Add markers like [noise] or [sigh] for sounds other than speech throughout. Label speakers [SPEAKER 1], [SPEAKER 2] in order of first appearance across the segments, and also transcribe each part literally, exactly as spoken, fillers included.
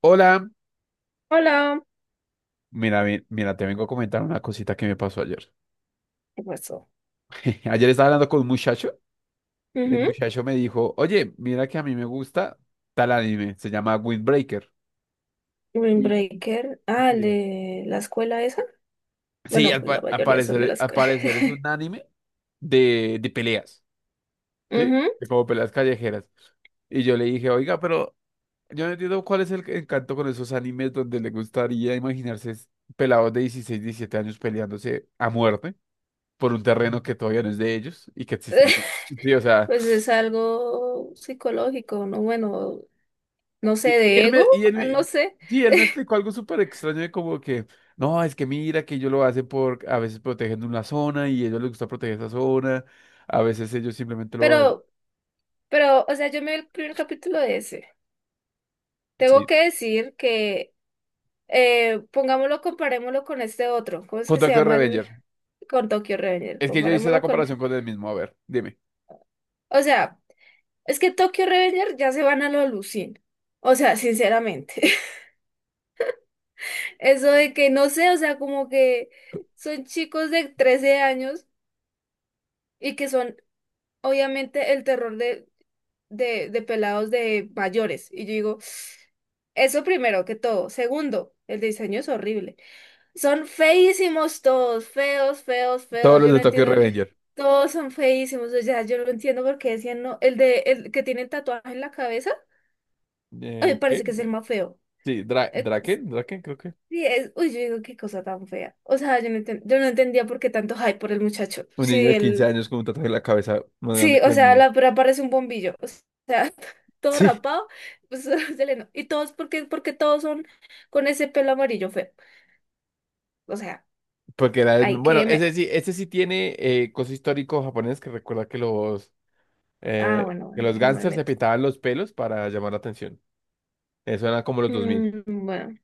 [SPEAKER 1] Hola,
[SPEAKER 2] Hola.
[SPEAKER 1] mira, ve- mira, te vengo a comentar una cosita que me pasó ayer.
[SPEAKER 2] ¿Qué pasó?
[SPEAKER 1] [laughs] Ayer estaba hablando con un muchacho y el
[SPEAKER 2] Ujú.
[SPEAKER 1] muchacho me dijo, oye, mira que a mí me gusta tal anime, se llama Windbreaker. Y-
[SPEAKER 2] Windbreaker. Ah, el
[SPEAKER 1] Sí,
[SPEAKER 2] de la escuela esa.
[SPEAKER 1] sí,
[SPEAKER 2] Bueno,
[SPEAKER 1] al,
[SPEAKER 2] pues la
[SPEAKER 1] pa- al
[SPEAKER 2] mayoría son de la
[SPEAKER 1] parecer, al
[SPEAKER 2] escuela.
[SPEAKER 1] parecer es un
[SPEAKER 2] [laughs]
[SPEAKER 1] anime de, de peleas, ¿sí?
[SPEAKER 2] Ujú.
[SPEAKER 1] De como peleas callejeras. Y yo le dije, oiga, pero yo no entiendo cuál es el encanto con esos animes donde le gustaría imaginarse es- pelados de dieciséis, diecisiete años peleándose a muerte, por un terreno que todavía no es de ellos y que existen.
[SPEAKER 2] [laughs]
[SPEAKER 1] Sí, o sea,
[SPEAKER 2] Pues es algo psicológico, ¿no? Bueno, no sé,
[SPEAKER 1] y, y
[SPEAKER 2] de
[SPEAKER 1] él
[SPEAKER 2] ego,
[SPEAKER 1] me, y él
[SPEAKER 2] ah, no
[SPEAKER 1] me-
[SPEAKER 2] sé.
[SPEAKER 1] sí, él me explicó algo súper extraño de como que, no, es que mira que ellos lo hacen por, a veces protegiendo una zona y a ellos les gusta proteger esa zona, a veces ellos simplemente lo hacen.
[SPEAKER 2] Pero, pero, o sea, yo me vi el primer capítulo de ese.
[SPEAKER 1] Sí.
[SPEAKER 2] Tengo que decir que, eh, pongámoslo, comparémoslo con este otro. ¿Cómo es
[SPEAKER 1] Con
[SPEAKER 2] que se
[SPEAKER 1] Tokyo
[SPEAKER 2] llama el?
[SPEAKER 1] Revenger.
[SPEAKER 2] Con Tokyo Revenger.
[SPEAKER 1] Es que yo hice la
[SPEAKER 2] Comparémoslo con...
[SPEAKER 1] comparación con él mismo, a ver, dime.
[SPEAKER 2] O sea... Es que Tokyo Revenger ya se van a lo Lucien. O sea, sinceramente. [laughs] Eso de que no sé, o sea, como que son chicos de trece años y que son obviamente el terror de, de, de pelados de mayores. Y yo digo, eso primero que todo. Segundo, el diseño es horrible. Son feísimos todos, feos, feos,
[SPEAKER 1] Todos
[SPEAKER 2] feos.
[SPEAKER 1] los
[SPEAKER 2] Yo
[SPEAKER 1] de
[SPEAKER 2] no
[SPEAKER 1] Tokyo
[SPEAKER 2] entiendo. [laughs]
[SPEAKER 1] Revenger.
[SPEAKER 2] Todos son feísimos. O sea, yo no entiendo por qué decían no. El de el que tiene el tatuaje en la cabeza, ay,
[SPEAKER 1] Eh, ¿qué?
[SPEAKER 2] parece que es el más feo.
[SPEAKER 1] Sí, Dra Draken, Draken creo que.
[SPEAKER 2] Sí, es, uy, yo digo, qué cosa tan fea. O sea, yo no, enten- yo no entendía por qué tanto hype por el muchacho.
[SPEAKER 1] Un
[SPEAKER 2] Sí,
[SPEAKER 1] niño de quince
[SPEAKER 2] él,
[SPEAKER 1] años con un tatuaje en la cabeza más grande
[SPEAKER 2] sí,
[SPEAKER 1] que
[SPEAKER 2] o
[SPEAKER 1] el
[SPEAKER 2] sea,
[SPEAKER 1] mío.
[SPEAKER 2] la pura parece un bombillo. O sea, [laughs] todo
[SPEAKER 1] Sí.
[SPEAKER 2] rapado, pues [laughs] se le no- Y todos, porque, porque todos son con ese pelo amarillo feo. O sea,
[SPEAKER 1] Porque era,
[SPEAKER 2] hay
[SPEAKER 1] bueno,
[SPEAKER 2] que me.
[SPEAKER 1] ese sí, ese sí tiene eh, coso histórico japonés que recuerda que los,
[SPEAKER 2] Ah,
[SPEAKER 1] eh,
[SPEAKER 2] bueno,
[SPEAKER 1] que
[SPEAKER 2] bueno,
[SPEAKER 1] los
[SPEAKER 2] ahí no me
[SPEAKER 1] gangsters se
[SPEAKER 2] meto.
[SPEAKER 1] pintaban los pelos para llamar la atención. Eso era como los dos mil.
[SPEAKER 2] Mm, bueno.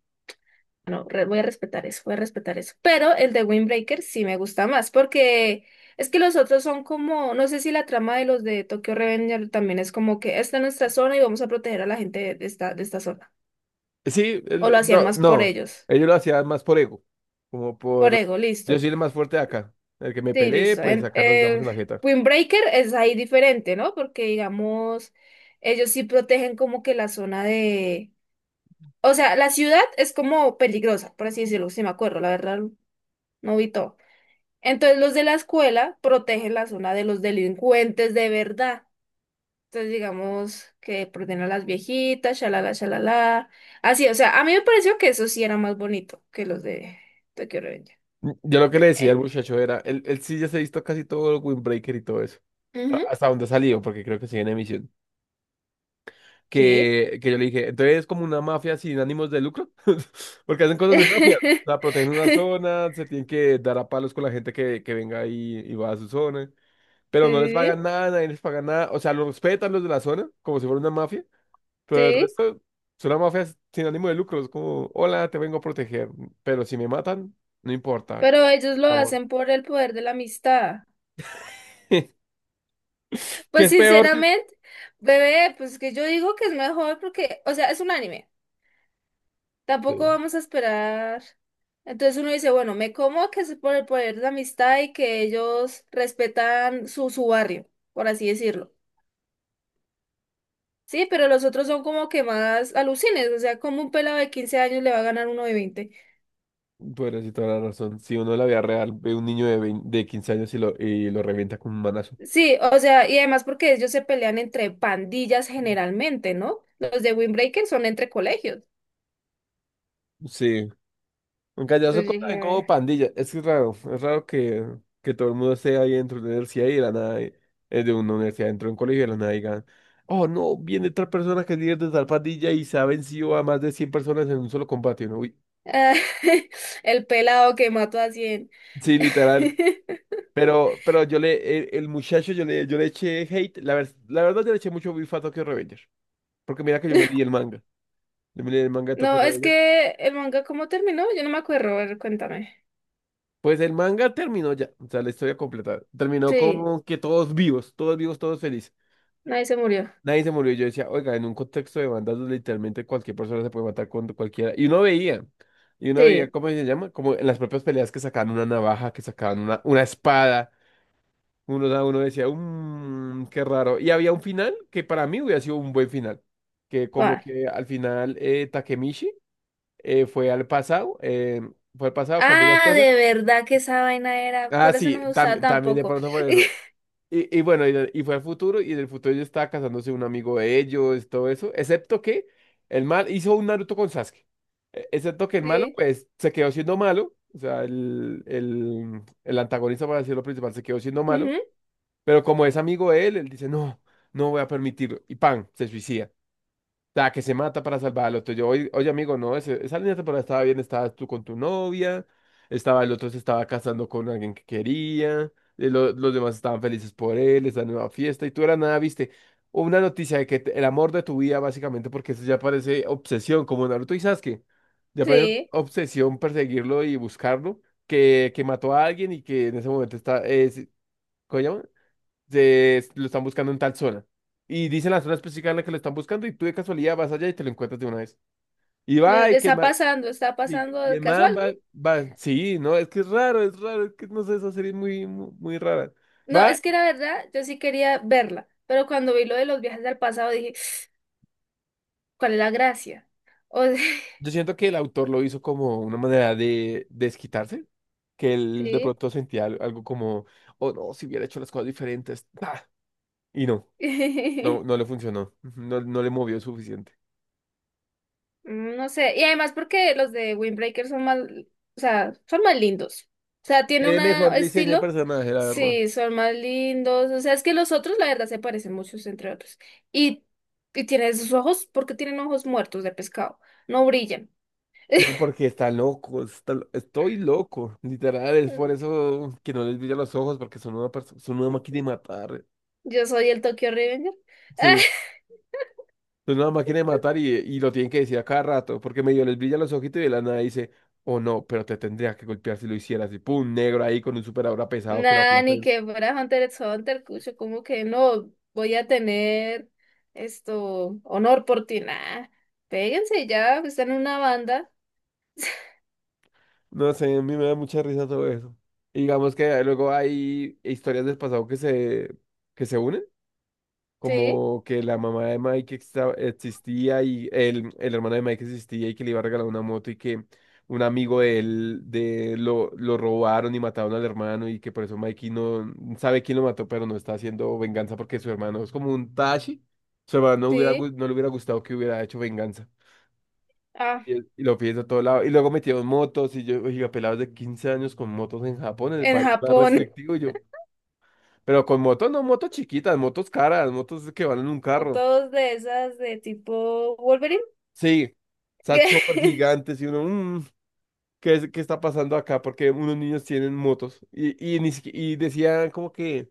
[SPEAKER 2] No, re- voy a respetar eso, voy a respetar eso. Pero el de Windbreaker sí me gusta más, porque es que los otros son como, no sé si la trama de los de Tokyo Revenger también es como que esta es nuestra zona y vamos a proteger a la gente de esta, de esta zona.
[SPEAKER 1] Sí,
[SPEAKER 2] O
[SPEAKER 1] el-
[SPEAKER 2] lo hacían
[SPEAKER 1] no,
[SPEAKER 2] más por
[SPEAKER 1] no,
[SPEAKER 2] ellos,
[SPEAKER 1] ellos lo hacían más por ego, como
[SPEAKER 2] por
[SPEAKER 1] por,
[SPEAKER 2] ego,
[SPEAKER 1] yo
[SPEAKER 2] listo.
[SPEAKER 1] soy el más fuerte de acá, el que me
[SPEAKER 2] Sí,
[SPEAKER 1] peleé,
[SPEAKER 2] listo.
[SPEAKER 1] pues
[SPEAKER 2] En,
[SPEAKER 1] acá nos damos en
[SPEAKER 2] eh,
[SPEAKER 1] la jeta.
[SPEAKER 2] Windbreaker es ahí diferente, ¿no? Porque digamos, ellos sí protegen como que la zona de... O sea, la ciudad es como peligrosa, por así decirlo, si me acuerdo, la verdad, no vi todo. Entonces los de la escuela protegen la zona de los delincuentes de verdad. Entonces digamos que protegen a las viejitas, shalala, shalala. Así, o sea, a mí me pareció que eso sí era más bonito que los de Tokyo Revenger.
[SPEAKER 1] Mm, Yo lo que le decía al
[SPEAKER 2] Eh,
[SPEAKER 1] muchacho era, él, él sí ya se ha visto casi todo el Windbreaker y todo eso,
[SPEAKER 2] ujú,
[SPEAKER 1] hasta donde ha salido, porque creo que sigue en emisión.
[SPEAKER 2] sí.
[SPEAKER 1] que, que yo le dije, entonces es como una mafia sin ánimos de lucro, [laughs] porque hacen cosas de mafia, o sea,
[SPEAKER 2] [laughs]
[SPEAKER 1] protegen una zona, se tienen que dar a palos con la gente que, que venga y, y va a su zona,
[SPEAKER 2] Sí,
[SPEAKER 1] pero no les
[SPEAKER 2] sí,
[SPEAKER 1] pagan nada, nadie les paga nada, o sea, los respetan los de la zona, como si fuera una mafia, pero el
[SPEAKER 2] sí.
[SPEAKER 1] resto son una mafia sin ánimo de lucro, es como, hola, te vengo a proteger, pero si me matan, no importa,
[SPEAKER 2] Pero ellos lo
[SPEAKER 1] amor.
[SPEAKER 2] hacen por el poder de la amistad.
[SPEAKER 1] [laughs] ¿Qué
[SPEAKER 2] Pues
[SPEAKER 1] es peor?
[SPEAKER 2] sinceramente, bebé, pues que yo digo que es mejor porque, o sea, es un anime.
[SPEAKER 1] Sí.
[SPEAKER 2] Tampoco vamos a esperar. Entonces uno dice, bueno, me como que es por el poder de amistad y que ellos respetan su, su barrio, por así decirlo. Sí, pero los otros son como que más alucines, o sea, como un pelado de quince años le va a ganar uno de veinte.
[SPEAKER 1] Bueno, sí, toda la razón. Si uno en la vida real ve un niño de, vein- de quince años y lo, y lo revienta con un manazo.
[SPEAKER 2] Sí, o sea, y además porque ellos se pelean entre pandillas generalmente, ¿no? Los de Windbreaker son entre colegios.
[SPEAKER 1] Sí, en Callazo
[SPEAKER 2] Entonces yo
[SPEAKER 1] también como
[SPEAKER 2] dije,
[SPEAKER 1] pandilla. Es que es raro, es raro que, que todo el mundo esté ahí dentro de una universidad y de la nada, eh, de una universidad, dentro de un colegio y de la nada digan, oh no, viene otra persona que es líder de tal pandilla y se ha vencido a más de cien personas en un solo combate, ¿no? Uy.
[SPEAKER 2] "Ah, [laughs] el pelado que mató a cien".
[SPEAKER 1] Sí, literal.
[SPEAKER 2] [laughs]
[SPEAKER 1] Pero, pero yo le, el, el muchacho, yo le, yo le eché hate. La, ver- la verdad, yo le eché mucho beef a Tokyo Revenger. Porque mira que yo me leí el manga. Yo me leí el manga de Tokyo
[SPEAKER 2] No, es
[SPEAKER 1] Revenger.
[SPEAKER 2] que el manga, ¿cómo terminó? Yo no me acuerdo, a ver, cuéntame.
[SPEAKER 1] Pues el manga terminó ya, o sea, la historia completa. Terminó
[SPEAKER 2] Sí,
[SPEAKER 1] como que todos vivos, todos vivos, todos felices.
[SPEAKER 2] nadie se murió.
[SPEAKER 1] Nadie se murió. Y yo decía, oiga, en un contexto de bandas donde literalmente cualquier persona se puede matar con cualquiera. Y uno veía, y uno veía,
[SPEAKER 2] Sí,
[SPEAKER 1] ¿cómo se llama? Como en las propias peleas que sacaban una navaja, que sacaban una, una espada. Uno, da- uno decía, mmm, qué raro. Y había un final que para mí hubiera sido un buen final. Que como
[SPEAKER 2] vale.
[SPEAKER 1] que al final eh, Takemichi eh, fue al pasado, eh, fue al pasado, cambió las
[SPEAKER 2] Ah,
[SPEAKER 1] cosas.
[SPEAKER 2] de verdad que esa vaina era,
[SPEAKER 1] Ah,
[SPEAKER 2] por eso
[SPEAKER 1] sí,
[SPEAKER 2] no me gustaba
[SPEAKER 1] tam- también de
[SPEAKER 2] tampoco.
[SPEAKER 1] pronto por eso.
[SPEAKER 2] [laughs]
[SPEAKER 1] Y, y bueno, y, de- y fue al futuro, y en el futuro ya estaba casándose un amigo de ellos, todo eso, excepto que el mal hizo un Naruto con Sasuke. E- Excepto que el malo,
[SPEAKER 2] Sí,
[SPEAKER 1] pues, se quedó siendo malo, o sea, el, el, el antagonista, para decirlo principal, se quedó siendo malo,
[SPEAKER 2] ujú,
[SPEAKER 1] pero como es amigo de él, él dice, no, no voy a permitirlo, y ¡pam! Se suicida. La que se mata para salvar al otro. Yo, oye, oye, amigo, no, ese- esa línea temporal estaba bien, estabas tú con tu novia, estaba el otro se estaba casando con alguien que quería, eh, lo- los demás estaban felices por él, esa nueva fiesta, y tú era nada, viste, una noticia de que te- el amor de tu vida, básicamente, porque eso ya parece obsesión, como Naruto y Sasuke, ya parece
[SPEAKER 2] sí,
[SPEAKER 1] obsesión perseguirlo y buscarlo, que, que mató a alguien y que en ese momento está, es, ¿cómo se llama? se, lo están buscando en tal zona. Y dicen la zona específica en la que lo están buscando y tú de casualidad vas allá y te lo encuentras de una vez. Y
[SPEAKER 2] de-
[SPEAKER 1] va,
[SPEAKER 2] de-
[SPEAKER 1] y que el
[SPEAKER 2] está
[SPEAKER 1] man,
[SPEAKER 2] pasando, está
[SPEAKER 1] y,
[SPEAKER 2] pasando
[SPEAKER 1] y el
[SPEAKER 2] casual.
[SPEAKER 1] man va, va, sí, no, es que es raro, es raro, es que no sé, esa serie es muy, muy, muy rara.
[SPEAKER 2] No, No,
[SPEAKER 1] Va,
[SPEAKER 2] es que la verdad, yo sí quería verla, pero cuando vi lo de los viajes al pasado dije, ¿cuál es la gracia? O sea,
[SPEAKER 1] yo siento que el autor lo hizo como una manera de de desquitarse, que
[SPEAKER 2] [laughs]
[SPEAKER 1] él de
[SPEAKER 2] sí.
[SPEAKER 1] pronto sentía al- algo como, oh no, si hubiera hecho las cosas diferentes, ah, y no, no, no
[SPEAKER 2] [laughs]
[SPEAKER 1] le funcionó, [laughs] no, no le movió suficiente.
[SPEAKER 2] Mm, No sé, y además porque los de Windbreaker son más, o sea, son más lindos. O sea, tiene un
[SPEAKER 1] Tiene mejor diseño de
[SPEAKER 2] estilo.
[SPEAKER 1] personaje, la verdad.
[SPEAKER 2] Sí, son más lindos. O sea, es que los otros, la verdad, se parecen muchos entre otros. Y, y tienen sus ojos, porque tienen ojos muertos de pescado. No brillan.
[SPEAKER 1] No, porque está loco, está lo- estoy loco, literal, es por
[SPEAKER 2] Mm,
[SPEAKER 1] eso que no les brilla los ojos, porque son una, perso- son una máquina de matar,
[SPEAKER 2] Yo soy el Tokyo Revenger.
[SPEAKER 1] sí,
[SPEAKER 2] [laughs]
[SPEAKER 1] son una máquina de matar y, y lo tienen que decir a cada rato, porque medio les brilla los ojitos y de la nada dice, oh no, pero te tendría que golpear si lo hicieras, y pum, negro ahí con un super aura pesado que lo
[SPEAKER 2] Nah,
[SPEAKER 1] aplasta,
[SPEAKER 2] ni que fuera Hunter x Hunter, cucho, como que no voy a tener esto, honor por ti, nah. Péguense ya, están en una banda,
[SPEAKER 1] no sé, a mí me da mucha risa todo eso, y digamos que luego hay historias del pasado que se, que se unen,
[SPEAKER 2] sí.
[SPEAKER 1] como que la mamá de Mike extra- existía y el, el hermano de Mike existía y que le iba a regalar una moto y que un amigo de él de, lo, lo robaron y mataron al hermano y que por eso Mikey no sabe quién lo mató, pero no está haciendo venganza porque su hermano es como un Tashi. Su hermano no, hubiera,
[SPEAKER 2] Sí,
[SPEAKER 1] gu- no le hubiera gustado que hubiera hecho venganza.
[SPEAKER 2] ah,
[SPEAKER 1] Y, él- y lo piensa a todo lado. Y luego metieron motos y yo, oiga, pelados de quince años con motos en Japón, en el
[SPEAKER 2] en
[SPEAKER 1] país más
[SPEAKER 2] Japón, [laughs]
[SPEAKER 1] restrictivo. Y yo, pero con motos no, motos chiquitas, motos caras, motos que van en un carro.
[SPEAKER 2] fotos de esas de tipo Wolverine.
[SPEAKER 1] Sí, esa chopper
[SPEAKER 2] [laughs]
[SPEAKER 1] gigantes y uno, "Mm, ¿qué es- qué está pasando acá? Porque unos niños tienen motos. Y, y, ni siqui- y decían como que,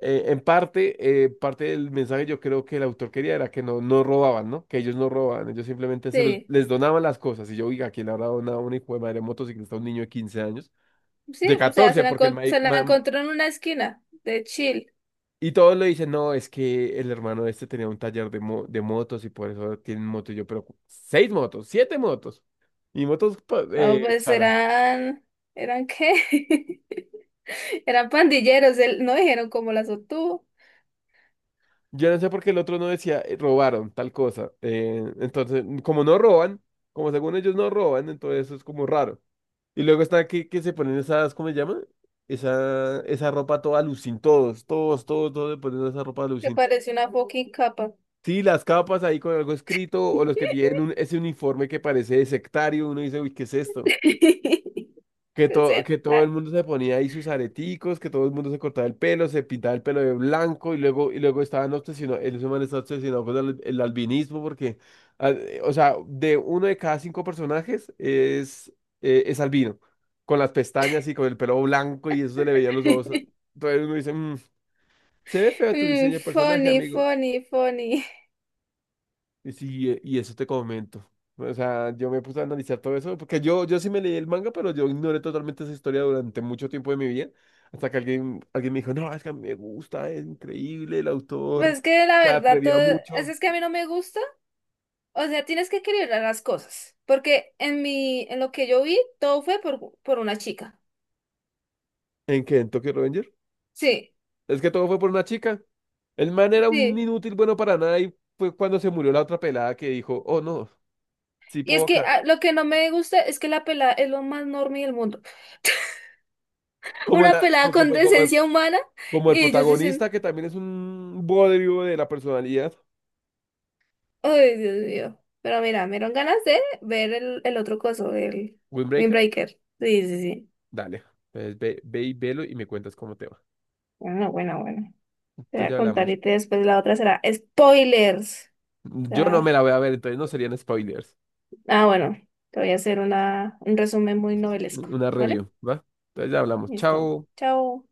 [SPEAKER 1] eh, en parte, eh, parte del mensaje yo creo que el autor quería era que no, no robaban, ¿no? Que ellos no robaban, ellos simplemente se los,
[SPEAKER 2] Sí,
[SPEAKER 1] les donaban las cosas. Y yo, oiga, ¿quién le habrá donado una hijo de madre motociclista a un niño de quince años?
[SPEAKER 2] sí,
[SPEAKER 1] De
[SPEAKER 2] o sea, se
[SPEAKER 1] catorce,
[SPEAKER 2] la,
[SPEAKER 1] porque el.
[SPEAKER 2] encon- se la encontró en una esquina de Chile.
[SPEAKER 1] Y todos le dicen, no, es que el hermano de este tenía un taller de, mo- de motos y por eso tienen motos. Y yo, pero seis motos, siete motos. Y motos pa-
[SPEAKER 2] No,
[SPEAKER 1] eh,
[SPEAKER 2] pues
[SPEAKER 1] cara.
[SPEAKER 2] eran, ¿eran qué? [laughs] Eran pandilleros, él- no dijeron cómo las obtuvo.
[SPEAKER 1] Yo no sé por qué el otro no decía, "Eh, robaron tal cosa. Eh, entonces, como no roban, como según ellos no roban, entonces eso es como raro. Y luego está que, que se ponen esas, ¿cómo se llama? Esa, esa ropa toda alucin, todos, todos, todos, todos se ponen esa ropa
[SPEAKER 2] Me
[SPEAKER 1] alucin.
[SPEAKER 2] pareció una fucking capa.
[SPEAKER 1] Sí, las capas ahí con algo escrito, o los que tienen
[SPEAKER 2] [laughs]
[SPEAKER 1] un- ese uniforme que parece de sectario, uno dice, uy, ¿qué es esto? Que,
[SPEAKER 2] De
[SPEAKER 1] to-
[SPEAKER 2] ser,
[SPEAKER 1] que todo
[SPEAKER 2] ah.
[SPEAKER 1] el mundo se ponía ahí sus areticos, que todo el mundo se cortaba el pelo, se pintaba el pelo de blanco y luego, y luego, estaban obsesionados, el man está obsesionado con el, el albinismo porque, ah, eh, o sea, de uno de cada cinco personajes es, eh, es albino, con las pestañas y con el pelo blanco y eso se le veían los ojos.
[SPEAKER 2] [laughs]
[SPEAKER 1] Entonces uno dice, "Mm, se ve feo tu diseño
[SPEAKER 2] Mm,
[SPEAKER 1] de personaje,
[SPEAKER 2] funny,
[SPEAKER 1] amigo.
[SPEAKER 2] funny, funny.
[SPEAKER 1] Y sí, eh, y eso te comento. O sea, yo me puse a analizar todo eso, porque yo, yo sí me leí el manga, pero yo ignoré totalmente esa historia durante mucho tiempo de mi vida, hasta que alguien, alguien me dijo, no, es que a mí me gusta, es increíble, el autor
[SPEAKER 2] Pues que la
[SPEAKER 1] se
[SPEAKER 2] verdad,
[SPEAKER 1] atrevía
[SPEAKER 2] todo, es
[SPEAKER 1] mucho.
[SPEAKER 2] es que a mí no me gusta. O sea, tienes que equilibrar las cosas, porque en mi, en lo que yo vi, todo fue por, por, una chica.
[SPEAKER 1] ¿En qué? ¿En Tokyo Revenger?
[SPEAKER 2] Sí,
[SPEAKER 1] Es que todo fue por una chica. El man era un
[SPEAKER 2] sí.
[SPEAKER 1] inútil bueno para nada y fue cuando se murió la otra pelada que dijo, oh no, sí
[SPEAKER 2] Y es
[SPEAKER 1] puedo
[SPEAKER 2] que
[SPEAKER 1] ca-.
[SPEAKER 2] ah, lo que no me gusta es que la pelada es lo más normal del mundo. [laughs]
[SPEAKER 1] Como,
[SPEAKER 2] Una
[SPEAKER 1] la,
[SPEAKER 2] pelada
[SPEAKER 1] fue
[SPEAKER 2] con
[SPEAKER 1] como, como el,
[SPEAKER 2] decencia humana
[SPEAKER 1] como el
[SPEAKER 2] y ellos dicen,
[SPEAKER 1] protagonista que también es un bodrio de la personalidad.
[SPEAKER 2] ay, Dios mío. Pero mira, me dieron ganas de ver el, el, otro coso, el
[SPEAKER 1] Windbreaker.
[SPEAKER 2] Windbreaker. Sí, sí, sí.
[SPEAKER 1] Dale, entonces ve, ve y velo y me cuentas cómo te va.
[SPEAKER 2] Bueno, bueno, bueno. Te voy
[SPEAKER 1] Entonces
[SPEAKER 2] a
[SPEAKER 1] ya
[SPEAKER 2] contar
[SPEAKER 1] hablamos.
[SPEAKER 2] y te- después la otra será spoilers.
[SPEAKER 1] Yo no me
[SPEAKER 2] Ah,
[SPEAKER 1] la voy a ver, entonces no serían spoilers.
[SPEAKER 2] ah, bueno, te voy a hacer una, un resumen muy novelesco,
[SPEAKER 1] Una
[SPEAKER 2] ¿vale?
[SPEAKER 1] review, ¿va? Entonces ya hablamos.
[SPEAKER 2] Listo.
[SPEAKER 1] Chao.
[SPEAKER 2] Chao.